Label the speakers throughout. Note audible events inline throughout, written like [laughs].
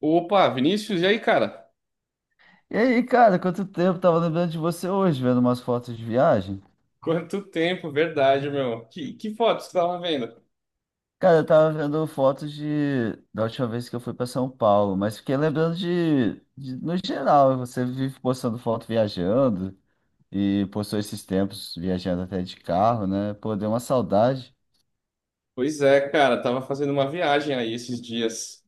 Speaker 1: Opa, Vinícius, e aí, cara?
Speaker 2: E aí, cara, quanto tempo? Tava lembrando de você hoje, vendo umas fotos de viagem.
Speaker 1: Quanto tempo, verdade, meu. Que foto você tava vendo?
Speaker 2: Cara, eu tava vendo fotos de da última vez que eu fui pra São Paulo, mas fiquei lembrando no geral, você vive postando foto viajando e postou esses tempos viajando até de carro, né? Pô, deu uma saudade.
Speaker 1: Pois é, cara, tava fazendo uma viagem aí esses dias.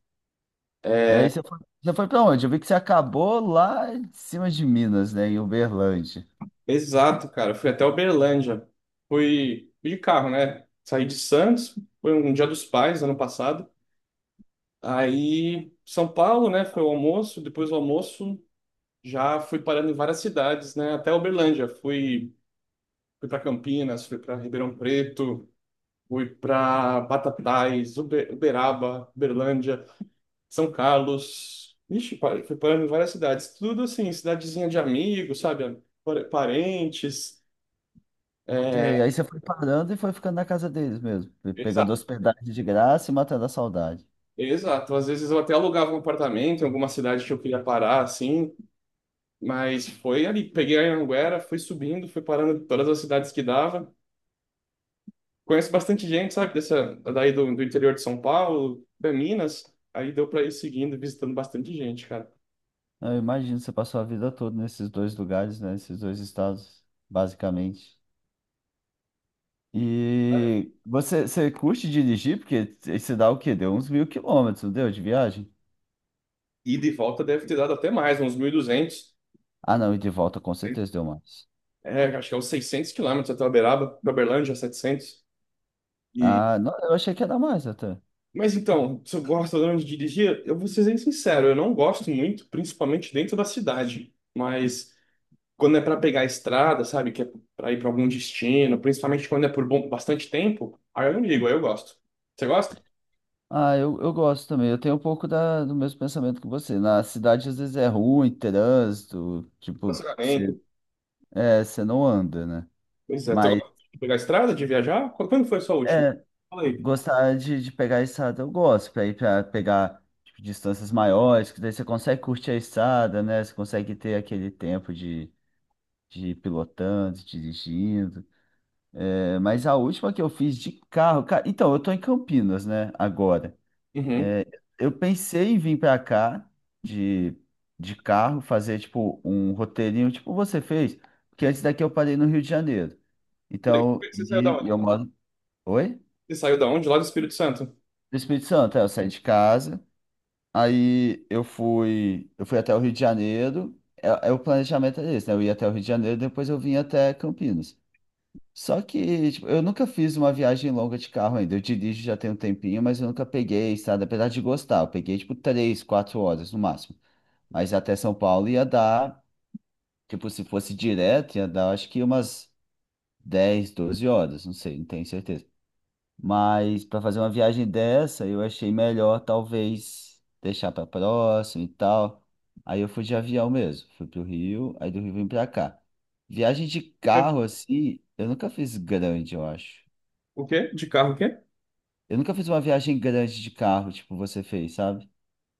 Speaker 2: E aí você foi pra onde? Eu vi que você acabou lá em cima de Minas, né, em Uberlândia.
Speaker 1: Exato, cara, fui até Uberlândia. Fui de carro, né? Saí de Santos, foi um Dia dos Pais, ano passado. Aí, São Paulo, né? Foi o almoço, depois do almoço já fui parando em várias cidades, né? Até Uberlândia, fui para Campinas, fui para Ribeirão Preto, fui para Batatais, Uberaba, Uberlândia. São Carlos. Ixi, fui parando em várias cidades. Tudo assim, cidadezinha de amigos, sabe? Parentes.
Speaker 2: Sei,
Speaker 1: É,
Speaker 2: aí você foi parando e foi ficando na casa deles mesmo, pegando
Speaker 1: exato,
Speaker 2: hospedagem de graça e matando a saudade.
Speaker 1: exato. Às vezes eu até alugava um apartamento em alguma cidade que eu queria parar, assim. Mas foi ali. Peguei a Anhanguera, fui subindo, fui parando em todas as cidades que dava. Conheço bastante gente, sabe? Dessa, daí do interior de São Paulo, da Minas. Aí deu para ir seguindo, visitando bastante gente, cara.
Speaker 2: Eu imagino, você passou a vida toda nesses dois lugares, né? Nesses dois estados, basicamente. E você, você curte dirigir? Porque você dá o quê? Deu uns 1.000 quilômetros, não deu? De viagem?
Speaker 1: Ida e de volta deve ter dado até mais, uns 1.200.
Speaker 2: Ah, não, e de volta com certeza deu mais.
Speaker 1: É, acho que é uns 600 quilômetros até Uberaba, pra Uberlândia, 700. E...
Speaker 2: Ah, não, eu achei que ia dar mais até.
Speaker 1: Mas então, se eu gosto ou não de dirigir, eu vou ser bem sincero, eu não gosto muito, principalmente dentro da cidade. Mas quando é para pegar a estrada, sabe, que é para ir para algum destino, principalmente quando é por bom, bastante tempo, aí eu não ligo, aí eu gosto. Você gosta?
Speaker 2: Ah, eu gosto também. Eu tenho um pouco da, do mesmo pensamento que você. Na cidade, às vezes é ruim, trânsito, tipo, você,
Speaker 1: Relacionamento.
Speaker 2: é, você não anda, né?
Speaker 1: Pois é, tu
Speaker 2: Mas.
Speaker 1: gosta de pegar a estrada, de viajar? Quando foi a sua última?
Speaker 2: É,
Speaker 1: Fala aí.
Speaker 2: gostar de pegar estrada, eu gosto, para ir para pegar tipo, distâncias maiores, que daí você consegue curtir a estrada, né? Você consegue ter aquele tempo de ir pilotando, dirigindo. É, mas a última que eu fiz de carro, então, eu tô em Campinas, né, agora.
Speaker 1: Uhum.
Speaker 2: É, eu pensei em vir para cá de, de carro, fazer tipo um roteirinho, tipo você fez, porque antes daqui eu parei no Rio de Janeiro. Então,
Speaker 1: Você saiu da
Speaker 2: e
Speaker 1: onde?
Speaker 2: eu moro. Oi?
Speaker 1: Você saiu da onde? Lá do Espírito Santo.
Speaker 2: Do Espírito Santo, é, eu saí de casa. Aí eu fui até o Rio de Janeiro. É, é o planejamento era esse, né? Eu ia até o Rio de Janeiro, depois eu vim até Campinas. Só que, tipo, eu nunca fiz uma viagem longa de carro ainda. Eu dirijo já tem um tempinho, mas eu nunca peguei estrada, apesar de gostar. Eu peguei, tipo, 3, 4 horas no máximo. Mas até São Paulo ia dar, tipo, se fosse direto, ia dar, acho que umas 10, 12 horas, não sei, não tenho certeza. Mas para fazer uma viagem dessa, eu achei melhor talvez deixar para próximo e tal. Aí eu fui de avião mesmo, fui pro Rio, aí do Rio vim para cá. Viagem de carro assim, eu nunca fiz grande, eu acho.
Speaker 1: O quê? De carro, o quê?
Speaker 2: Eu nunca fiz uma viagem grande de carro, tipo você fez, sabe?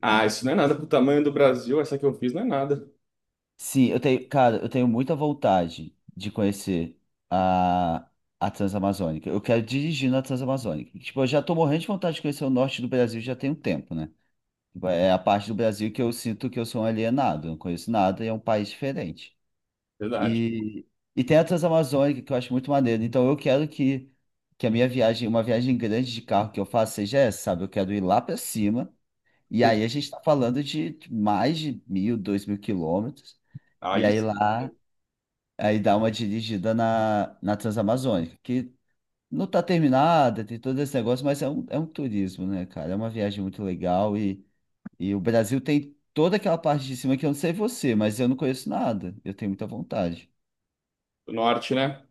Speaker 1: Ah, isso não é nada pro tamanho do Brasil, essa que eu fiz não é nada.
Speaker 2: Sim, eu tenho, cara, eu tenho muita vontade de conhecer a a Transamazônica. Eu quero dirigir na Transamazônica. Tipo, eu já tô morrendo de vontade de conhecer o norte do Brasil já tem um tempo, né? É a parte do Brasil que eu sinto que eu sou um alienado, não conheço nada e é um país diferente.
Speaker 1: Verdade.
Speaker 2: E, e tem a Transamazônica que eu acho muito maneiro. Então eu quero que a minha viagem, uma viagem grande de carro que eu faço seja essa, sabe? Eu quero ir lá para cima. E
Speaker 1: Sim.
Speaker 2: aí a gente está falando de mais de 1.000, 2.000 quilômetros.
Speaker 1: Ah,
Speaker 2: E aí
Speaker 1: isso.
Speaker 2: lá, aí dá uma dirigida na, na Transamazônica, que não está terminada, tem todo esse negócio, mas é um, turismo, né, cara? É uma viagem muito legal e o Brasil tem toda aquela parte de cima que eu não sei você, mas eu não conheço nada. Eu tenho muita vontade.
Speaker 1: Do norte, né?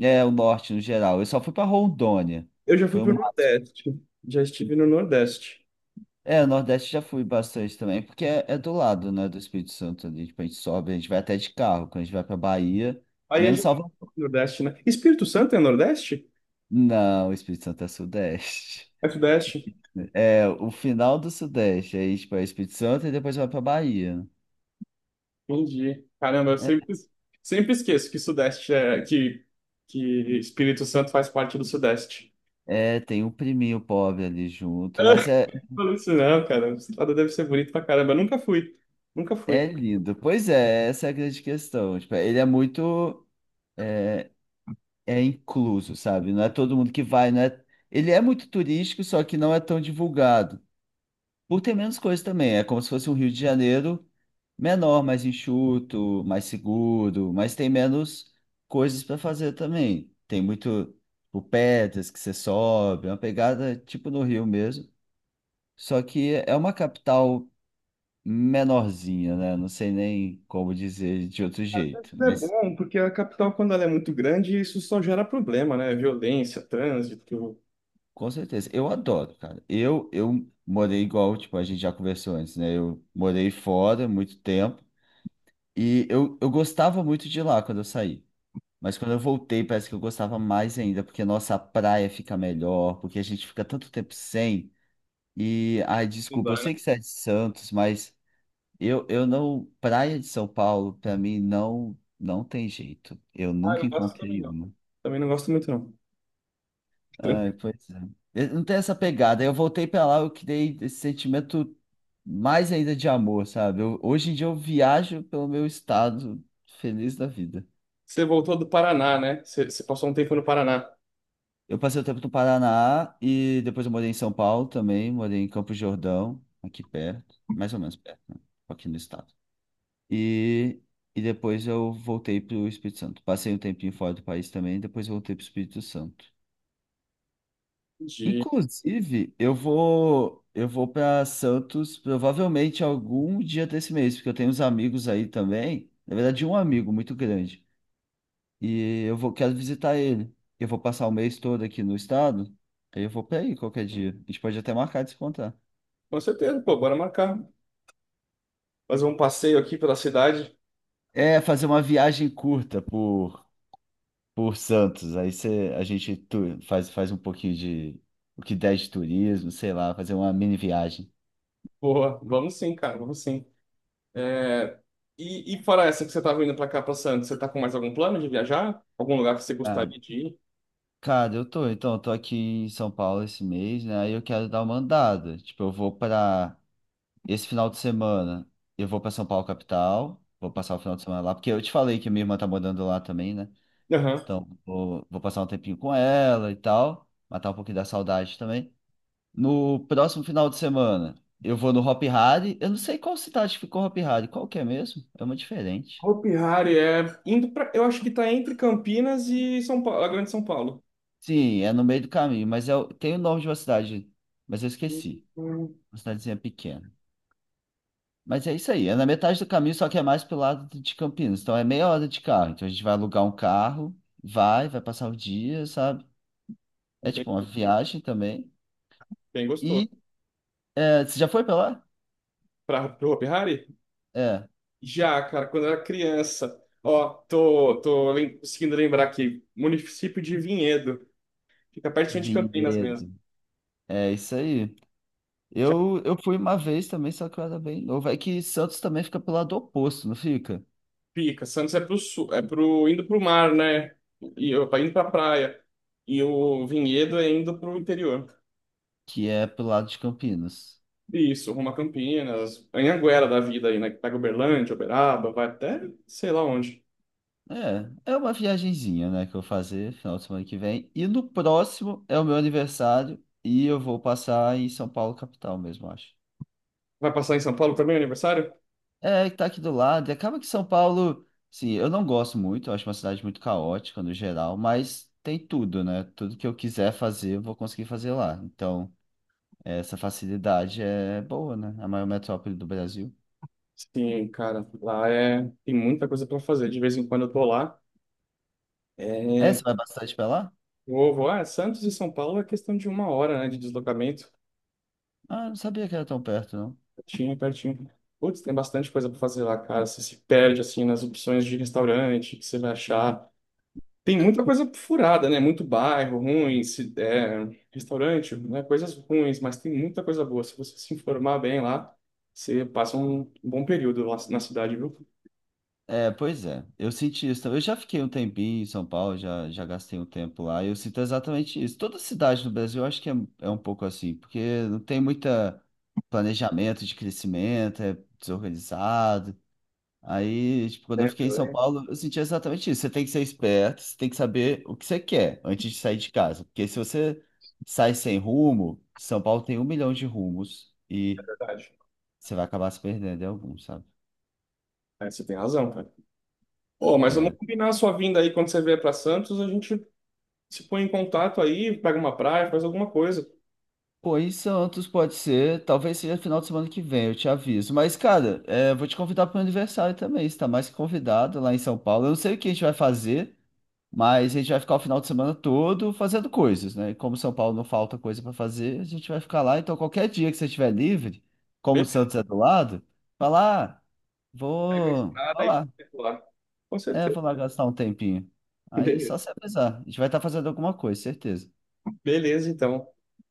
Speaker 2: É, o norte no geral. Eu só fui para Rondônia.
Speaker 1: Eu já fui
Speaker 2: Foi
Speaker 1: pro
Speaker 2: uma...
Speaker 1: Nordeste. Já estive no Nordeste.
Speaker 2: É, o Nordeste já fui bastante também, porque é do lado, né, do Espírito Santo ali. Tipo, a gente sobe, a gente vai até de carro. Quando a gente vai para Bahia,
Speaker 1: Aí é
Speaker 2: menos
Speaker 1: já-
Speaker 2: Salvador.
Speaker 1: Nordeste, né? Espírito Santo é Nordeste?
Speaker 2: Não, o Espírito Santo é Sudeste. [laughs]
Speaker 1: É Sudeste?
Speaker 2: É, o final do Sudeste. Aí, tipo, é Espírito Santo e depois vai para Bahia.
Speaker 1: Entendi. Caramba, eu
Speaker 2: É,
Speaker 1: sempre, sempre esqueço que Sudeste é... Que Espírito Santo faz parte do Sudeste.
Speaker 2: é, tem o priminho pobre ali junto, mas é.
Speaker 1: Falou isso não, cara. O estado deve ser bonito pra caramba. Eu nunca fui. Nunca
Speaker 2: É
Speaker 1: fui.
Speaker 2: lindo. Pois é, essa é a grande questão. Tipo, ele é muito é, é incluso, sabe? Não é todo mundo que vai, não é... Ele é muito turístico, só que não é tão divulgado. Por ter menos coisas também. É como se fosse um Rio de Janeiro menor, mais enxuto, mais seguro, mas tem menos coisas para fazer também. Tem muito, tipo, pedras que você sobe, é uma pegada tipo no Rio mesmo. Só que é uma capital menorzinha, né? Não sei nem como dizer de outro jeito,
Speaker 1: É
Speaker 2: mas
Speaker 1: bom, porque a capital, quando ela é muito grande, isso só gera problema, né? Violência, trânsito.
Speaker 2: com certeza, eu adoro, cara. Eu morei igual, tipo, a gente já conversou antes, né? Eu morei fora muito tempo e eu gostava muito de lá quando eu saí. Mas quando eu voltei, parece que eu gostava mais ainda, porque nossa, a praia fica melhor, porque a gente fica tanto tempo sem. E, ai,
Speaker 1: Tudo
Speaker 2: desculpa, eu
Speaker 1: lá, né?
Speaker 2: sei que você é de Santos, mas eu não. Praia de São Paulo, pra mim, não, não tem jeito. Eu
Speaker 1: Ah, eu
Speaker 2: nunca
Speaker 1: não gosto também
Speaker 2: encontrei
Speaker 1: não.
Speaker 2: uma.
Speaker 1: Também não gosto muito, não. Tran-
Speaker 2: Ai, pois é. Eu não tem essa pegada. Eu voltei pra lá, eu criei esse sentimento mais ainda de amor, sabe? Hoje em dia eu viajo pelo meu estado, feliz da vida.
Speaker 1: Você voltou do Paraná, né? Você passou um tempo no Paraná.
Speaker 2: Eu passei o tempo no Paraná e depois eu morei em São Paulo também, morei em Campos de Jordão, aqui perto, mais ou menos perto, né? Aqui no estado. E, e depois eu voltei pro Espírito Santo. Passei um tempinho fora do país também, depois voltei pro Espírito Santo.
Speaker 1: Entendi.
Speaker 2: Inclusive, eu vou para Santos provavelmente algum dia desse mês, porque eu tenho uns amigos aí também. Na verdade, um amigo muito grande. E eu vou quero visitar ele. Eu vou passar o mês todo aqui no estado. Aí eu vou para aí qualquer dia. A gente pode até marcar de se encontrar.
Speaker 1: Com certeza, pô, bora marcar. Fazer um passeio aqui pela cidade.
Speaker 2: É fazer uma viagem curta por Santos. Aí você, a gente faz um pouquinho de o que der de turismo, sei lá, fazer uma mini viagem.
Speaker 1: Boa, vamos sim, cara, vamos sim. É, e fora essa que você tá vindo pra cá, pra Santos, você tá com mais algum plano de viajar? Algum lugar que você gostaria de
Speaker 2: Cara, então, eu tô aqui em São Paulo esse mês, né? Aí eu quero dar uma andada. Tipo, eu vou pra. Esse final de semana, eu vou pra São Paulo, capital. Vou passar o final de semana lá, porque eu te falei que minha irmã tá morando lá também, né?
Speaker 1: ir?
Speaker 2: Então, vou passar um tempinho com ela e tal. Matar um pouquinho da saudade também. No próximo final de semana, eu vou no Hopi Hari. Eu não sei qual cidade ficou Hopi Hari. Qual que é mesmo? É uma diferente.
Speaker 1: Hopi Hari é indo para, eu acho que tá entre Campinas e São Paulo, a Grande São Paulo.
Speaker 2: Sim, é no meio do caminho, mas é, o- tem o nome de uma cidade, mas eu esqueci.
Speaker 1: Hum.
Speaker 2: Uma cidadezinha pequena. Mas é isso aí, é na metade do caminho, só que é mais pro lado de Campinas. Então é meia hora de carro. Então a gente vai alugar um carro, vai passar o dia, sabe? É tipo
Speaker 1: Bem,
Speaker 2: uma viagem também.
Speaker 1: bem gostoso.
Speaker 2: E é, você já foi pra lá?
Speaker 1: Para o Hopi Hari?
Speaker 2: É,
Speaker 1: Já, cara, quando eu era criança. Ó, tô conseguindo lembrar aqui. Município de Vinhedo. Fica pertinho de Campinas mesmo.
Speaker 2: Vinhedo. É isso aí.
Speaker 1: Já
Speaker 2: Eu fui uma vez também, só que eu era bem novo. É que Santos também fica pro lado oposto, não fica?
Speaker 1: fica. Santos é pro sul, é pro, indo pro mar, né? E eu, indo pra praia. E o Vinhedo é indo pro interior.
Speaker 2: Que é pro lado de Campinas.
Speaker 1: Isso, rumo a Campinas, Anhanguera da vida aí, né? Que pega Uberlândia, Uberaba, vai até sei lá onde.
Speaker 2: É, é uma viagenzinha, né, que eu vou fazer final de semana que vem. E no próximo é o meu aniversário e eu vou passar em São Paulo, capital mesmo, acho.
Speaker 1: Vai passar em São Paulo também, aniversário?
Speaker 2: É, que tá aqui do lado. E acaba que São Paulo, sim, eu não gosto muito, eu acho uma cidade muito caótica no geral, mas tem tudo, né? Tudo que eu quiser fazer, eu vou conseguir fazer lá. Então, essa facilidade é boa, né? É a maior metrópole do Brasil.
Speaker 1: Sim, cara, lá é tem muita coisa para fazer. De vez em quando eu tô lá.
Speaker 2: É,
Speaker 1: É,
Speaker 2: você vai bastante pra lá?
Speaker 1: vou, vou. Ah, Santos e São Paulo é questão de uma hora, né, de deslocamento.
Speaker 2: Ah, não sabia que era tão perto, não.
Speaker 1: Pertinho, pertinho. Putz, tem bastante coisa para fazer lá, cara. Você se perde assim nas opções de restaurante que você vai achar. Tem muita coisa furada, né? Muito bairro ruim, é, restaurante, né? Coisas ruins, mas tem muita coisa boa. Se você se informar bem lá, você passa um bom período lá na cidade, viu?
Speaker 2: É, pois é. Eu senti isso também. Eu já fiquei um tempinho em São Paulo, já gastei um tempo lá. E eu sinto exatamente isso. Toda cidade no Brasil, eu acho que é, é um pouco assim, porque não tem muita planejamento de crescimento, é desorganizado. Aí, tipo, quando eu fiquei
Speaker 1: Sempre,
Speaker 2: em São
Speaker 1: é.
Speaker 2: Paulo, eu senti exatamente isso. Você tem que ser esperto, você tem que saber o que você quer antes de sair de casa. Porque se você sai sem rumo, São Paulo tem um milhão de rumos e
Speaker 1: Verdade.
Speaker 2: você vai acabar se perdendo em algum, sabe?
Speaker 1: É, você tem razão, cara. Ô, mas vamos
Speaker 2: É,
Speaker 1: combinar a sua vinda aí quando você vier para Santos, a gente se põe em contato aí, pega uma praia, faz alguma coisa.
Speaker 2: pô, em Santos pode ser, talvez seja final de semana que vem, eu te aviso. Mas, cara, é, vou te convidar para o aniversário também, você tá mais que convidado lá em São Paulo. Eu não sei o que a gente vai fazer, mas a gente vai ficar o final de semana todo fazendo coisas, né? E como São Paulo não falta coisa para fazer, a gente vai ficar lá. Então, qualquer dia que você estiver livre, como o
Speaker 1: Beleza,
Speaker 2: Santos é do lado, fala, ah,
Speaker 1: pega a
Speaker 2: vou
Speaker 1: estrada e te
Speaker 2: lá.
Speaker 1: lá. Com
Speaker 2: É,
Speaker 1: certeza.
Speaker 2: vou lá gastar um tempinho. Aí só
Speaker 1: Beleza.
Speaker 2: se avisar, a gente vai estar fazendo alguma coisa, certeza.
Speaker 1: Beleza, então.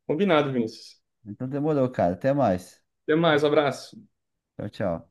Speaker 1: Combinado, Vinícius.
Speaker 2: Então demorou, cara, até mais.
Speaker 1: Até mais, abraço.
Speaker 2: Tchau, tchau.